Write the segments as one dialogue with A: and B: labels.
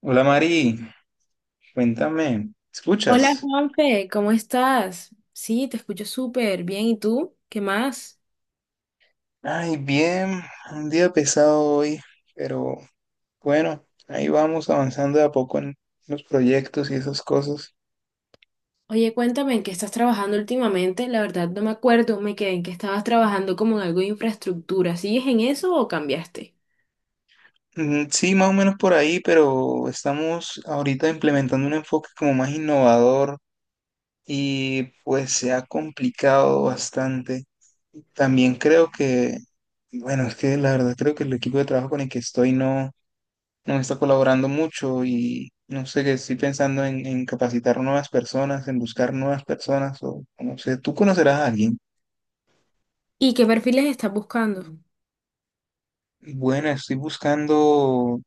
A: Hola Mari, cuéntame,
B: Hola
A: ¿escuchas?
B: Juanfe, ¿cómo estás? Sí, te escucho súper bien. ¿Y tú? ¿Qué más?
A: Ay, bien, un día pesado hoy, pero bueno, ahí vamos avanzando de a poco en los proyectos y esas cosas.
B: Oye, cuéntame, ¿en qué estás trabajando últimamente? La verdad no me acuerdo, me quedé en que estabas trabajando como en algo de infraestructura. ¿Sigues en eso o cambiaste?
A: Mm, sí, más o menos por ahí, pero estamos ahorita implementando un enfoque como más innovador y pues se ha complicado bastante. También creo que, bueno, es que la verdad creo que el equipo de trabajo con el que estoy no, nos está colaborando mucho y no sé, que estoy pensando en capacitar nuevas personas, en buscar nuevas personas o no sé, tú conocerás a alguien.
B: ¿Y qué perfiles estás buscando?
A: Bueno, estoy buscando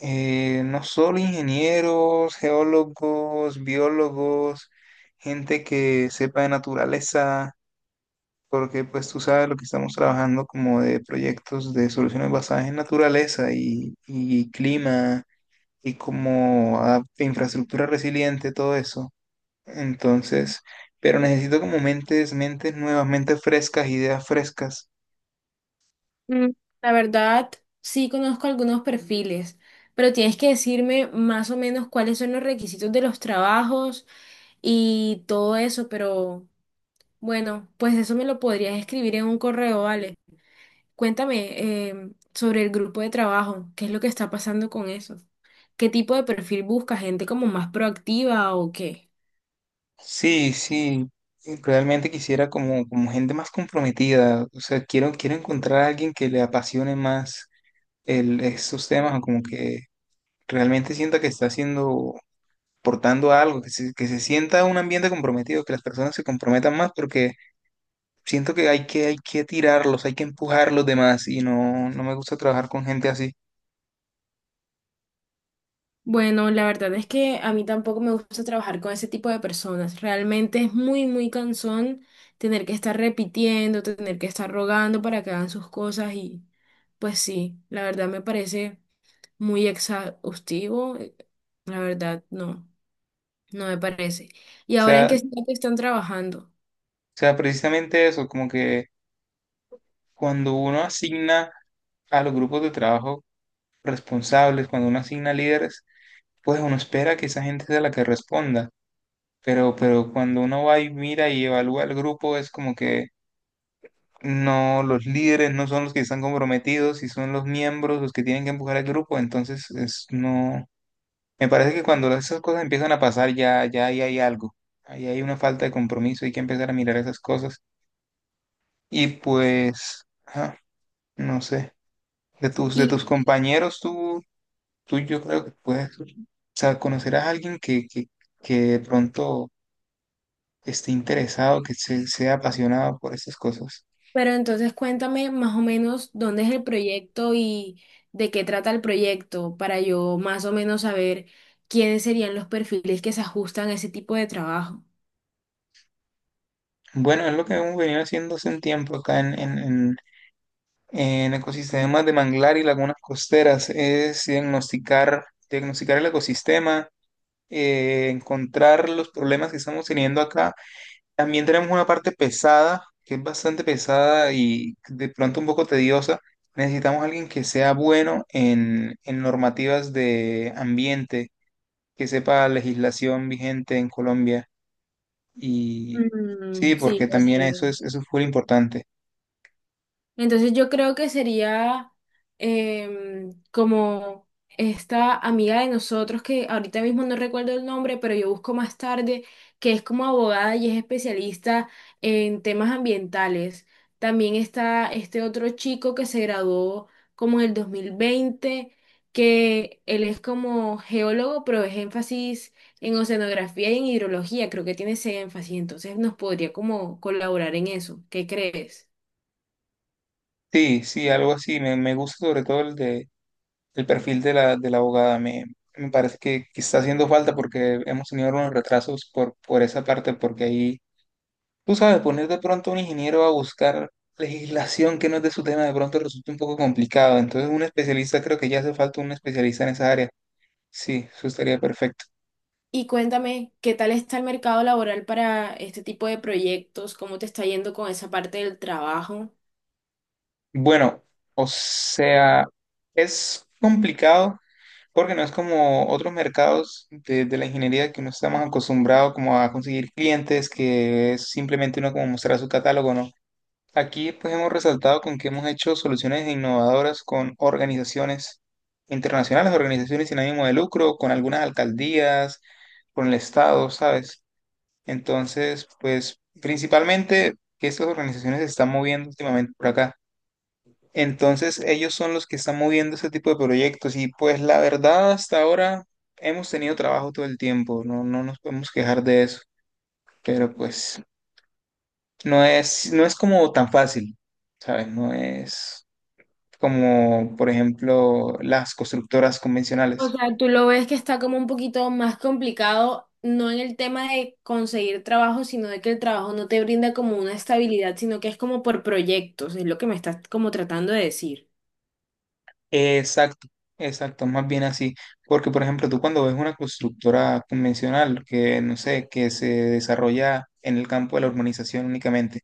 A: no solo ingenieros, geólogos, biólogos, gente que sepa de naturaleza, porque pues tú sabes lo que estamos trabajando como de proyectos de soluciones basadas en naturaleza y clima y como infraestructura resiliente, todo eso. Entonces, pero necesito como mentes, mentes nuevas, mentes frescas, ideas frescas.
B: Mm, La verdad, sí conozco algunos perfiles, pero tienes que decirme más o menos cuáles son los requisitos de los trabajos y todo eso, pero bueno, pues eso me lo podrías escribir en un correo, ¿vale? Cuéntame sobre el grupo de trabajo, qué es lo que está pasando con eso, qué tipo de perfil busca, gente como más proactiva o qué.
A: Sí, sí, realmente quisiera como, como gente más comprometida, o sea, quiero encontrar a alguien que le apasione más el, estos temas, o como que realmente sienta que está haciendo, portando algo, que se sienta un ambiente comprometido, que las personas se comprometan más, porque siento que hay que tirarlos, hay que empujar los demás, y no, no me gusta trabajar con gente así.
B: Bueno, la verdad es que a mí tampoco me gusta trabajar con ese tipo de personas. Realmente es muy, muy cansón tener que estar repitiendo, tener que estar rogando para que hagan sus cosas y pues sí, la verdad me parece muy exhaustivo. La verdad, no, no me parece. ¿Y
A: O
B: ahora en
A: sea, o
B: qué que están trabajando?
A: sea, precisamente eso, como que cuando uno asigna a los grupos de trabajo responsables, cuando uno asigna líderes, pues uno espera que esa gente sea la que responda. Pero cuando uno va y mira y evalúa el grupo, es como que no, los líderes no son los que están comprometidos y son los miembros los que tienen que empujar al grupo. Entonces, es, no, me parece que cuando esas cosas empiezan a pasar, ya, ya ahí hay algo. Ahí hay una falta de compromiso, hay que empezar a mirar esas cosas. Y pues, ajá, no sé, de tus compañeros, ¿tú yo creo que puedes, o sea, conocerás a alguien que de pronto esté interesado, sea apasionado por estas cosas.
B: Pero entonces cuéntame más o menos dónde es el proyecto y de qué trata el proyecto para yo más o menos saber quiénes serían los perfiles que se ajustan a ese tipo de trabajo.
A: Bueno, es lo que hemos venido haciendo hace un tiempo acá en ecosistemas de manglar y lagunas costeras, es diagnosticar el ecosistema, encontrar los problemas que estamos teniendo acá. También tenemos una parte pesada, que es bastante pesada y de pronto un poco tediosa. Necesitamos a alguien que sea bueno en normativas de ambiente, que sepa legislación vigente en Colombia. Y sí,
B: Mm,
A: porque
B: sí,
A: también
B: ok.
A: eso es muy importante.
B: Entonces yo creo que sería como esta amiga de nosotros que ahorita mismo no recuerdo el nombre, pero yo busco más tarde, que es como abogada y es especialista en temas ambientales. También está este otro chico que se graduó como en el 2020, que él es como geólogo, pero es énfasis en oceanografía y en hidrología, creo que tiene ese énfasis, entonces nos podría como colaborar en eso. ¿Qué crees?
A: Sí, sí, algo así. Me gusta sobre todo el de el perfil de la abogada. Me parece que está haciendo falta porque hemos tenido unos retrasos por esa parte, porque ahí tú sabes, poner de pronto a un ingeniero a buscar legislación que no es de su tema de pronto resulta un poco complicado. Entonces, un especialista, creo que ya hace falta un especialista en esa área. Sí, eso estaría perfecto.
B: Y cuéntame, ¿qué tal está el mercado laboral para este tipo de proyectos? ¿Cómo te está yendo con esa parte del trabajo?
A: Bueno, o sea, es complicado porque no es como otros mercados de la ingeniería que uno está más acostumbrado como a conseguir clientes, que es simplemente uno como mostrar su catálogo, ¿no? Aquí pues hemos resaltado con que hemos hecho soluciones innovadoras con organizaciones internacionales, organizaciones sin ánimo de lucro, con algunas alcaldías, con el Estado, ¿sabes? Entonces, pues principalmente que estas organizaciones se están moviendo últimamente por acá. Entonces, ellos son los que están moviendo este tipo de proyectos y pues la verdad hasta ahora hemos tenido trabajo todo el tiempo, no, no nos podemos quejar de eso, pero pues no es como tan fácil, ¿sabes? No es como por ejemplo las constructoras
B: O
A: convencionales.
B: sea, tú lo ves que está como un poquito más complicado, no en el tema de conseguir trabajo, sino de que el trabajo no te brinda como una estabilidad, sino que es como por proyectos, es lo que me estás como tratando de decir.
A: Exacto, exacto, más bien así, porque por ejemplo tú cuando ves una constructora convencional que no sé, que se desarrolla en el campo de la urbanización únicamente,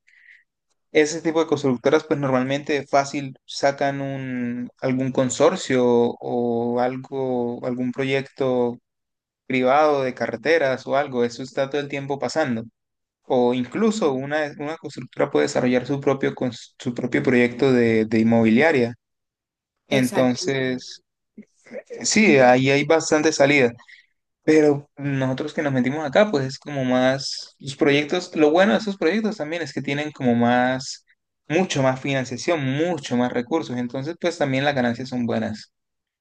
A: ese tipo de constructoras pues normalmente fácil sacan un, algún consorcio o algo, algún proyecto privado de carreteras o algo, eso está todo el tiempo pasando. O incluso una constructora puede desarrollar su propio, su propio proyecto de inmobiliaria.
B: Exacto.
A: Entonces, sí, ahí hay bastante salida. Pero nosotros que nos metimos acá, pues es como más, los proyectos, lo bueno de esos proyectos también es que tienen como más, mucho más financiación, mucho más recursos. Entonces, pues también las ganancias son buenas.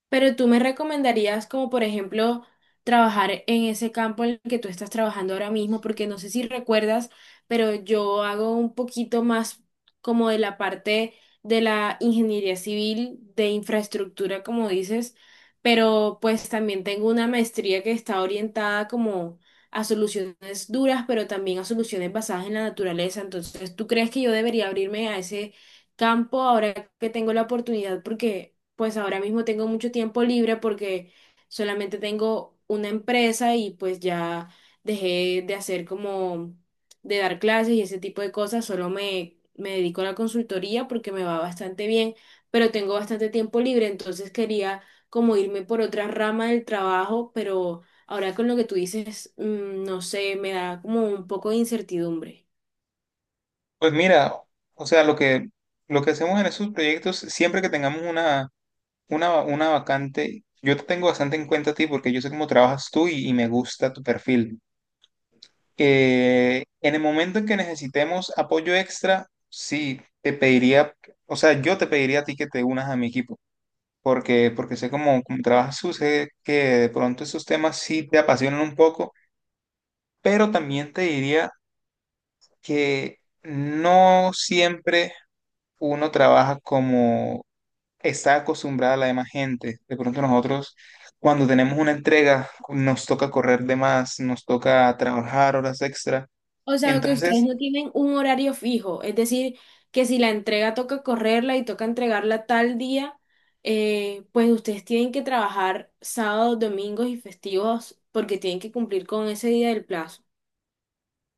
B: Pero tú me recomendarías como por ejemplo trabajar en ese campo en el que tú estás trabajando ahora mismo, porque no sé si recuerdas, pero yo hago un poquito más como de la parte de la ingeniería civil, de infraestructura, como dices, pero pues también tengo una maestría que está orientada como a soluciones duras, pero también a soluciones basadas en la naturaleza. Entonces, ¿tú crees que yo debería abrirme a ese campo ahora que tengo la oportunidad? Porque pues ahora mismo tengo mucho tiempo libre porque solamente tengo una empresa y pues ya dejé de hacer como de dar clases y ese tipo de cosas, solo me dedico a la consultoría porque me va bastante bien, pero tengo bastante tiempo libre, entonces quería como irme por otra rama del trabajo, pero ahora con lo que tú dices, no sé, me da como un poco de incertidumbre.
A: Pues mira, o sea, lo que hacemos en esos proyectos, siempre que tengamos una vacante, yo te tengo bastante en cuenta a ti porque yo sé cómo trabajas tú y me gusta tu perfil. En el momento en que necesitemos apoyo extra, sí, te pediría, o sea, yo te pediría a ti que te unas a mi equipo, porque sé cómo trabajas tú, sé que de pronto esos temas sí te apasionan un poco, pero también te diría que no siempre uno trabaja como está acostumbrada la demás gente. De pronto nosotros, cuando tenemos una entrega, nos toca correr de más, nos toca trabajar horas extra.
B: O sea, que ustedes
A: Entonces,
B: no tienen un horario fijo, es decir, que si la entrega toca correrla y toca entregarla tal día, pues ustedes tienen que trabajar sábados, domingos y festivos porque tienen que cumplir con ese día del plazo.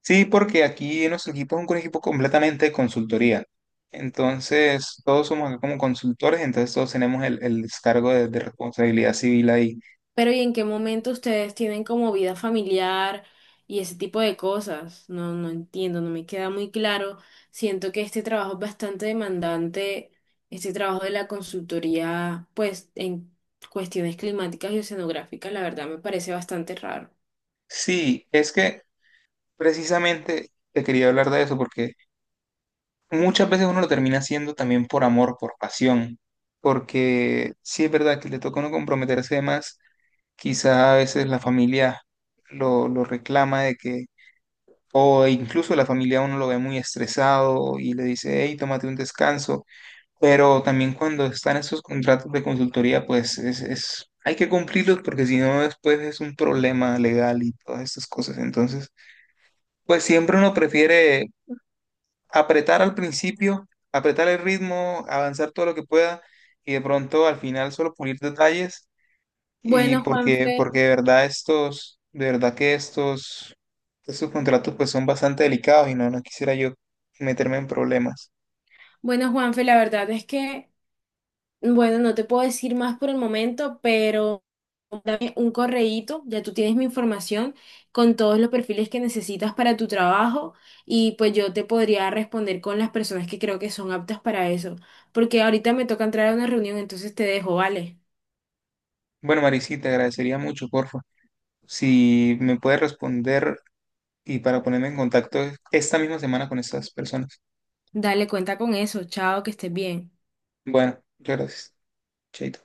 A: sí, porque aquí en nuestro equipo es un equipo completamente de consultoría. Entonces, todos somos acá como consultores, entonces todos tenemos el descargo de responsabilidad civil ahí.
B: Pero ¿y en qué momento ustedes tienen como vida familiar y ese tipo de cosas? No, no entiendo, no me queda muy claro. Siento que este trabajo es bastante demandante, este trabajo de la consultoría, pues en cuestiones climáticas y oceanográficas, la verdad me parece bastante raro.
A: Sí, es que precisamente te quería hablar de eso porque muchas veces uno lo termina haciendo también por amor, por pasión, porque sí es verdad que le toca a uno comprometerse de más, quizá a veces la familia lo reclama de que, o incluso la familia a uno lo ve muy estresado y le dice, hey, tómate un descanso, pero también cuando están esos contratos de consultoría, pues es, hay que cumplirlos porque si no después es un problema legal y todas estas cosas, entonces... Pues siempre uno prefiere apretar al principio, apretar el ritmo, avanzar todo lo que pueda y de pronto al final solo pulir detalles y
B: Bueno, Juanfe,
A: porque de verdad estos, de verdad que estos, estos contratos pues son bastante delicados y no, no quisiera yo meterme en problemas.
B: bueno, Juanfe, la verdad es que bueno, no te puedo decir más por el momento, pero dame un correíto, ya tú tienes mi información con todos los perfiles que necesitas para tu trabajo y pues yo te podría responder con las personas que creo que son aptas para eso, porque ahorita me toca entrar a una reunión, entonces te dejo, vale.
A: Bueno, Maricita, te agradecería mucho, porfa, si me puedes responder y para ponerme en contacto esta misma semana con estas personas.
B: Dale, cuenta con eso, chao, que estés bien.
A: Bueno, muchas gracias. Chaito.